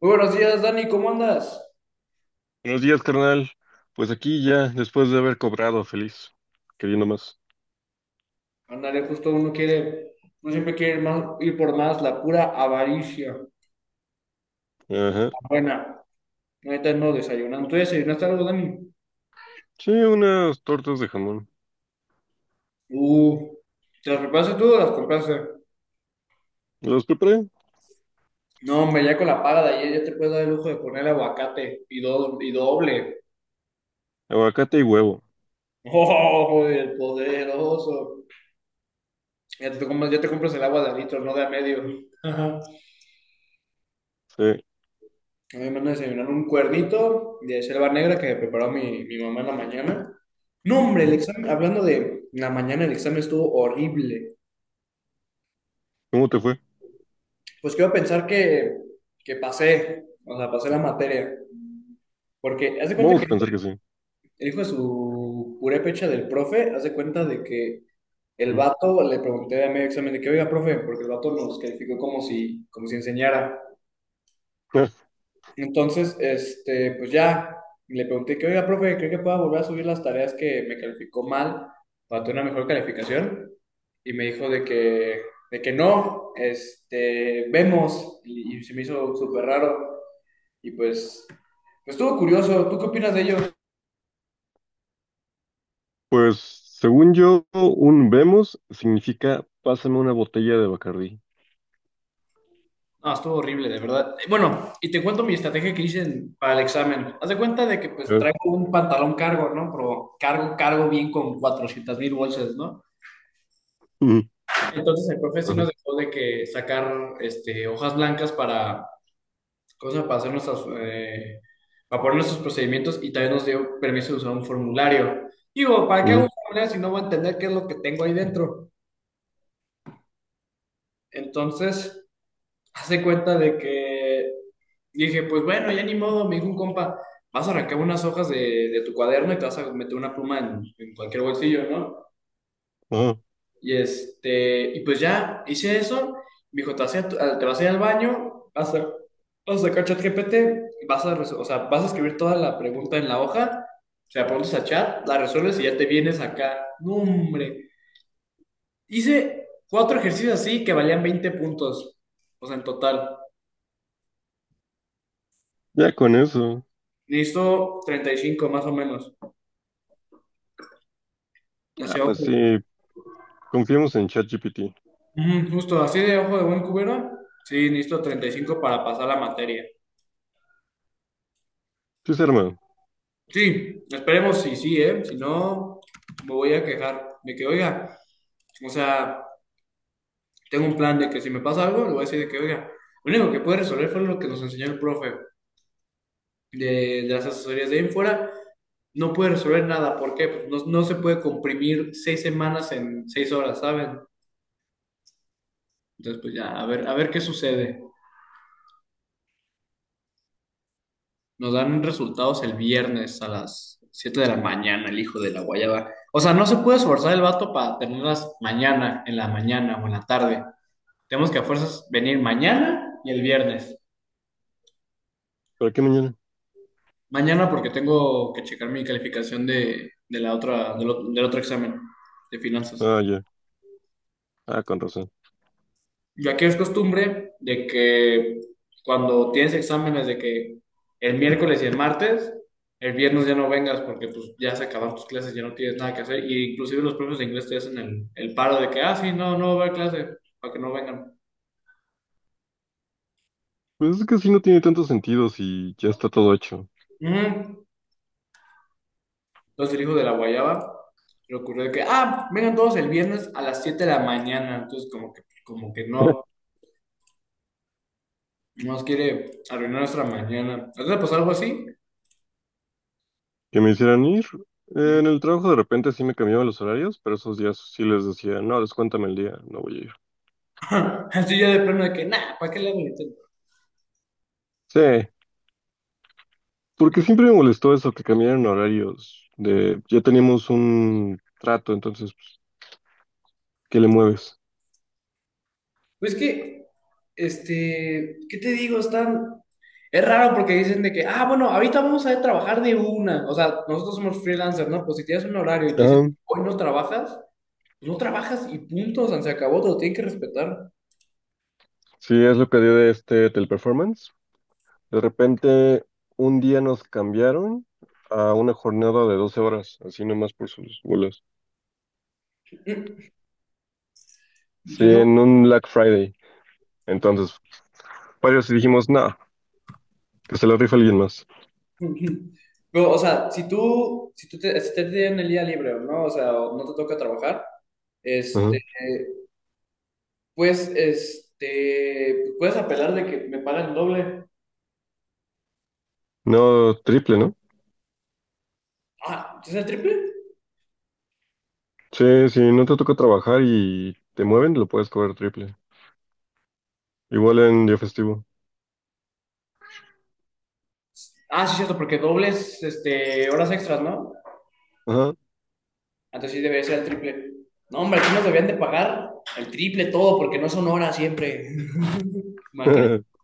Muy buenos días, Dani, ¿cómo andas? Buenos días, carnal. Pues aquí ya, después de haber cobrado, feliz. Queriendo más. Ándale, justo uno quiere, uno siempre quiere ir, más, ir por más, la pura avaricia. Ajá. Buena, ahorita no desayunando. ¿Tú desayunaste algo, Dani? Sí, unas tortas de jamón. Uh, ¿Te las preparaste tú o las compraste? Las preparé. No, hombre, ya con la paga de ayer ya te puedes dar el lujo de poner aguacate y doble. Aguacate y huevo. ¡Oh, el poderoso! Ya te compras el agua de a litro, no de a medio. Sí. A mí me mandan a desayunar un cuernito de selva negra que me preparó mi mamá en la mañana. No, hombre, el ¿Mm? examen, hablando de la mañana, el examen estuvo horrible. ¿Cómo te fue? Pues quiero pensar que pasé, o sea, pasé la materia. Porque haz de cuenta Vamos que a pensar que sí. el hijo de su purépecha del profe, haz de cuenta de que el ¿Mm? vato le pregunté a medio examen de que, oiga, profe, porque el vato nos calificó como si enseñara. Ah, Entonces, pues ya le pregunté que, oiga, profe, ¿cree que pueda volver a subir las tareas que me calificó mal para tener una mejor calificación? Y me dijo de que no, vemos, y se me hizo súper raro. Y pues estuvo curioso, ¿tú qué opinas de ello? pues, según yo, un vemos significa pásame una botella de Bacardí. No, estuvo horrible, de verdad. Bueno, y te cuento mi estrategia que hice para el examen. Haz de cuenta de que pues Ah, traigo un pantalón cargo, ¿no? Pero cargo, cargo bien con 400 mil bolsas, ¿no? ujú, Entonces el profe sí ajá, nos dejó de que sacar hojas blancas para, cosas para hacer nuestras, para poner nuestros procedimientos y también nos dio permiso de usar un formulario. Digo, ¿para qué hago ujú, un formulario si no voy a entender qué es lo que tengo ahí dentro? Entonces, hace cuenta de que dije, pues bueno, ya ni modo, me dijo un compa, vas a arrancar unas hojas de tu cuaderno y te vas a meter una pluma en cualquier bolsillo, ¿no? ajá. Y pues ya hice eso. Me dijo, te vas a ir, te vas a ir al baño, vas a sacar ChatGPT, o sea, vas a escribir toda la pregunta en la hoja, se la pones a chat, la resuelves y ya te vienes acá. No, hombre. Hice cuatro ejercicios así que valían 20 puntos, o sea, en total. Ya con eso. Necesito 35 más o menos. Así, Ah, pues ojo. sí, confiemos en ChatGPT. Ujú, justo así de ojo de buen cubero. Sí, necesito 35 para pasar la materia. Sí, se arma. Sí, esperemos si sí, ¿eh? Si no, me voy a quejar de que, oiga, o sea, tengo un plan de que si me pasa algo, le voy a decir de que, oiga, lo único que puede resolver fue lo que nos enseñó el profe de las asesorías de ahí en fuera. No puede resolver nada, ¿por qué? Pues no, no se puede comprimir 6 semanas en 6 horas, ¿saben? Entonces, pues ya, a ver qué sucede. Nos dan resultados el viernes a las 7 de la mañana, el hijo de la guayaba. O sea, no se puede esforzar el vato para tenerlas mañana, en la mañana o en la tarde. Tenemos que a fuerzas venir mañana y el viernes. ¿Para qué mañana? Mañana porque tengo que checar mi calificación de la otra, del otro examen de finanzas. Ah, ya. Ah, con razón. Yo aquí es costumbre de que cuando tienes exámenes de que el miércoles y el martes, el viernes ya no vengas porque pues ya se acabaron tus clases, ya no tienes nada que hacer. Y inclusive los profes de inglés te hacen el paro de que, ah, sí, no, no va a haber clase, para que no vengan. Pues es que sí no tiene tanto sentido si ya está todo hecho. Ujú. Los el hijo de la guayaba le ocurrió de que, ah, vengan todos el viernes a las 7 de la mañana. Entonces como que no, no nos quiere arruinar nuestra mañana. ¿A ti te pasó algo así? Que me hicieran ir. Ujú. En el trabajo de repente sí me cambiaban los horarios, pero esos días sí les decía, no, descuéntame el día, no voy a ir. Así ya de plano de que, nah, ¿para qué le hago el intento? Sí, porque Bien. siempre me molestó eso, que cambiaran horarios. De, ya teníamos un trato, entonces, pues, ¿qué le mueves? Pues que, ¿qué te digo? Están. Es raro porque dicen de que, ah, bueno, ahorita vamos a trabajar de una. O sea, nosotros somos freelancers, ¿no? Pues si tienes un horario y te dicen, Ah, hoy no trabajas, pues no trabajas y punto, o sea, se acabó, te lo tienen que respetar. sí, es lo que dio de este teleperformance. De repente, un día nos cambiaron a una jornada de 12 horas, así nomás por sus bolas. Mm. Sí, Yo no. en un Black Friday. Entonces, varios y dijimos, no, que se lo rifa alguien más. Pero, o sea, si tú, si te tienen el día libre, ¿no? O sea, o no te toca trabajar, Ajá. este, pues, puedes apelar de que me pagan el doble. No, triple, ¿no? Ah, ¿sí? ¿Es el triple? Sí, si no te toca trabajar y te mueven, lo puedes cobrar triple. Igual en día festivo. Ah, sí, cierto, porque dobles, horas extras, ¿no? Ajá. Entonces sí debería ser el triple. No, hombre, aquí nos debían de pagar el triple todo, porque no son horas siempre. Imagínate,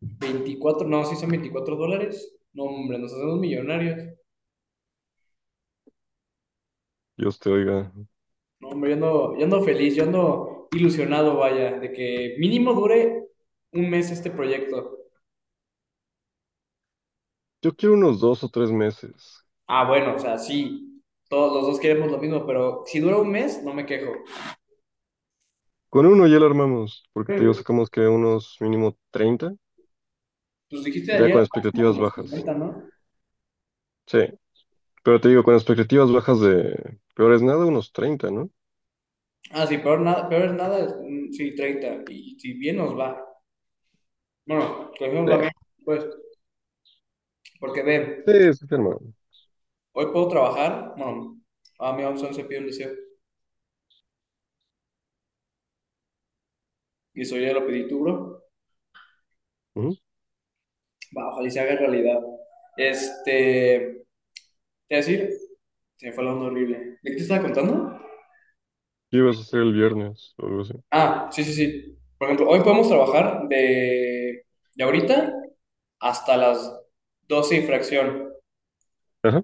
24 no, sí son 24 dólares. No, hombre, nos hacemos millonarios. Dios te oiga. No, hombre, yo ando feliz, yo ando ilusionado, vaya, de que mínimo dure un mes este proyecto. Yo quiero unos 2 o 3 meses. Ah, bueno, o sea, sí, todos los dos queremos lo mismo, pero si dura un mes, no me quejo. Con uno ya lo armamos, porque te digo, Hmm, sacamos que unos mínimo 30 Pues dijiste ya ayer con máximo expectativas como bajas. 50, ¿no? Sí, pero te digo, con expectativas bajas de peor es nada, unos 30, ¿no? Ah, sí, peor, nada, peor es nada, mm, sí, 30. Y si bien nos va. Bueno, que bien nos Sí, va bien, pues, porque ve, sí, sí, sí, hermano. hoy puedo trabajar, bueno, a mi 11 se pide un deseo, y eso ya lo pedí tú, bro. Va, ojalá y se haga realidad. Este, es decir, se me fue la onda horrible. ¿De qué te estaba contando? ¿Qué ibas a hacer el viernes o algo así? Ah, sí, sí, sí. Por ejemplo, hoy podemos trabajar de ahorita hasta las 12 y fracción. Ajá.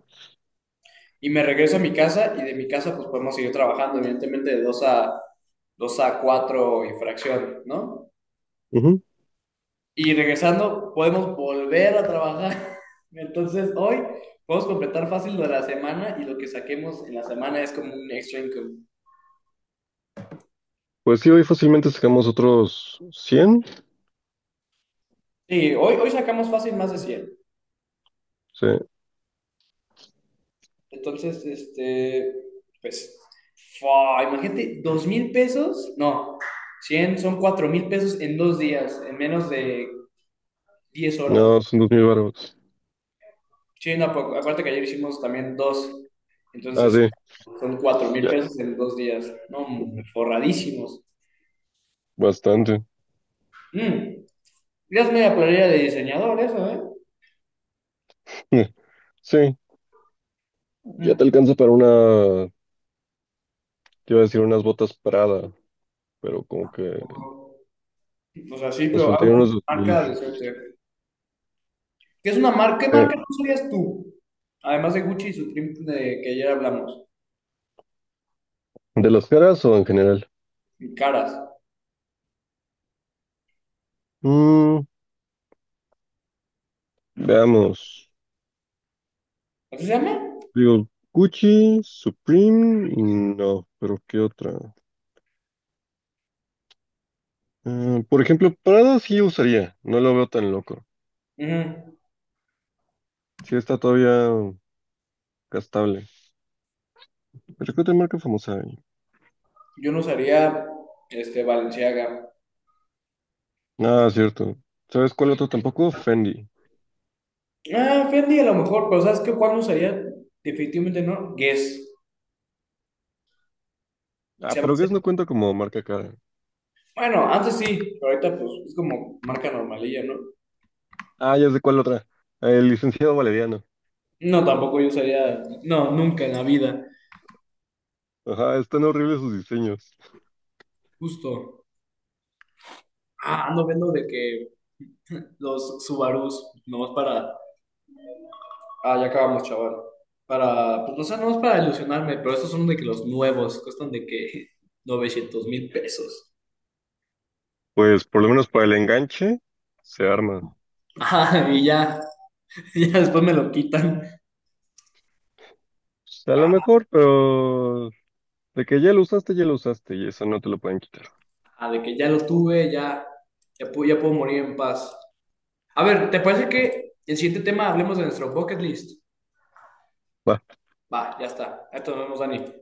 Y me regreso a mi casa y de mi casa pues podemos seguir trabajando, evidentemente de dos a 4 y fracción, ¿no? Y regresando podemos volver a trabajar. Entonces hoy podemos completar fácil lo de la semana y lo que saquemos en la semana es como un extra income. Pues sí, hoy fácilmente sacamos otros 100. Sí, hoy sacamos fácil más de 100. Sí, Entonces, pues, fua, imagínate, 2,000 pesos, no, 100 son 4,000 pesos en dos días, en menos de 10 horas. no, son 2000 baros. Sí, no, acuérdate que ayer hicimos también dos, Ah, entonces sí, son 4,000 ya, pesos en dos días, no, hombre, forradísimos. bastante. Mm, ya es media playera de diseñador eso, ¿eh? Sí, ya te Mm. alcanza para una, te iba a decir unas botas Prada, pero como que O sea, sí, nos pero algo faltarían de unos 2000. marca decente. ¿Qué es una marca? ¿Qué Sí, marca no sabías tú? Además de Gucci y Supreme de que ayer hablamos. ¿de las caras o en general? Y caras. Mm, veamos. ¿Así se llama? Digo, Gucci, Supreme, no, pero ¿qué otra? Por ejemplo, Prada sí usaría, no lo veo tan loco. Ujú. Sí está todavía gastable. Pero ¿qué otra marca famosa hay? Yo no usaría este Balenciaga. Ah, cierto. ¿Sabes cuál otro tampoco? Fendi. Ah, Fendi a lo mejor, pero ¿sabes qué? ¿Cuál no usaría? Definitivamente no. Guess. Ah, Se llama pero ese. Guess no cuenta como marca cara. Bueno, antes sí, pero ahorita pues es como marca normalilla, ¿no? Ah, ya sé cuál otra. El licenciado Valeriano. No, tampoco yo usaría. No, nunca en la vida. Ajá, están horribles sus diseños. Justo. Ah, ando viendo de que los Subarus, nomás para. Ah, ya acabamos, chaval. Para, pues no sé, nomás para ilusionarme, pero estos son de que los nuevos, cuestan de que 900,000 pesos. Pues por lo menos para el enganche se arma. O Ajá, y ya, ya después me lo quitan. a lo mejor, pero de que ya lo usaste y eso no te lo pueden quitar. Ah, de que ya lo tuve, ya puedo morir en paz. A ver, ¿te parece que el siguiente tema hablemos de nuestro bucket list? Va, ya está. Esto nos vemos, Dani.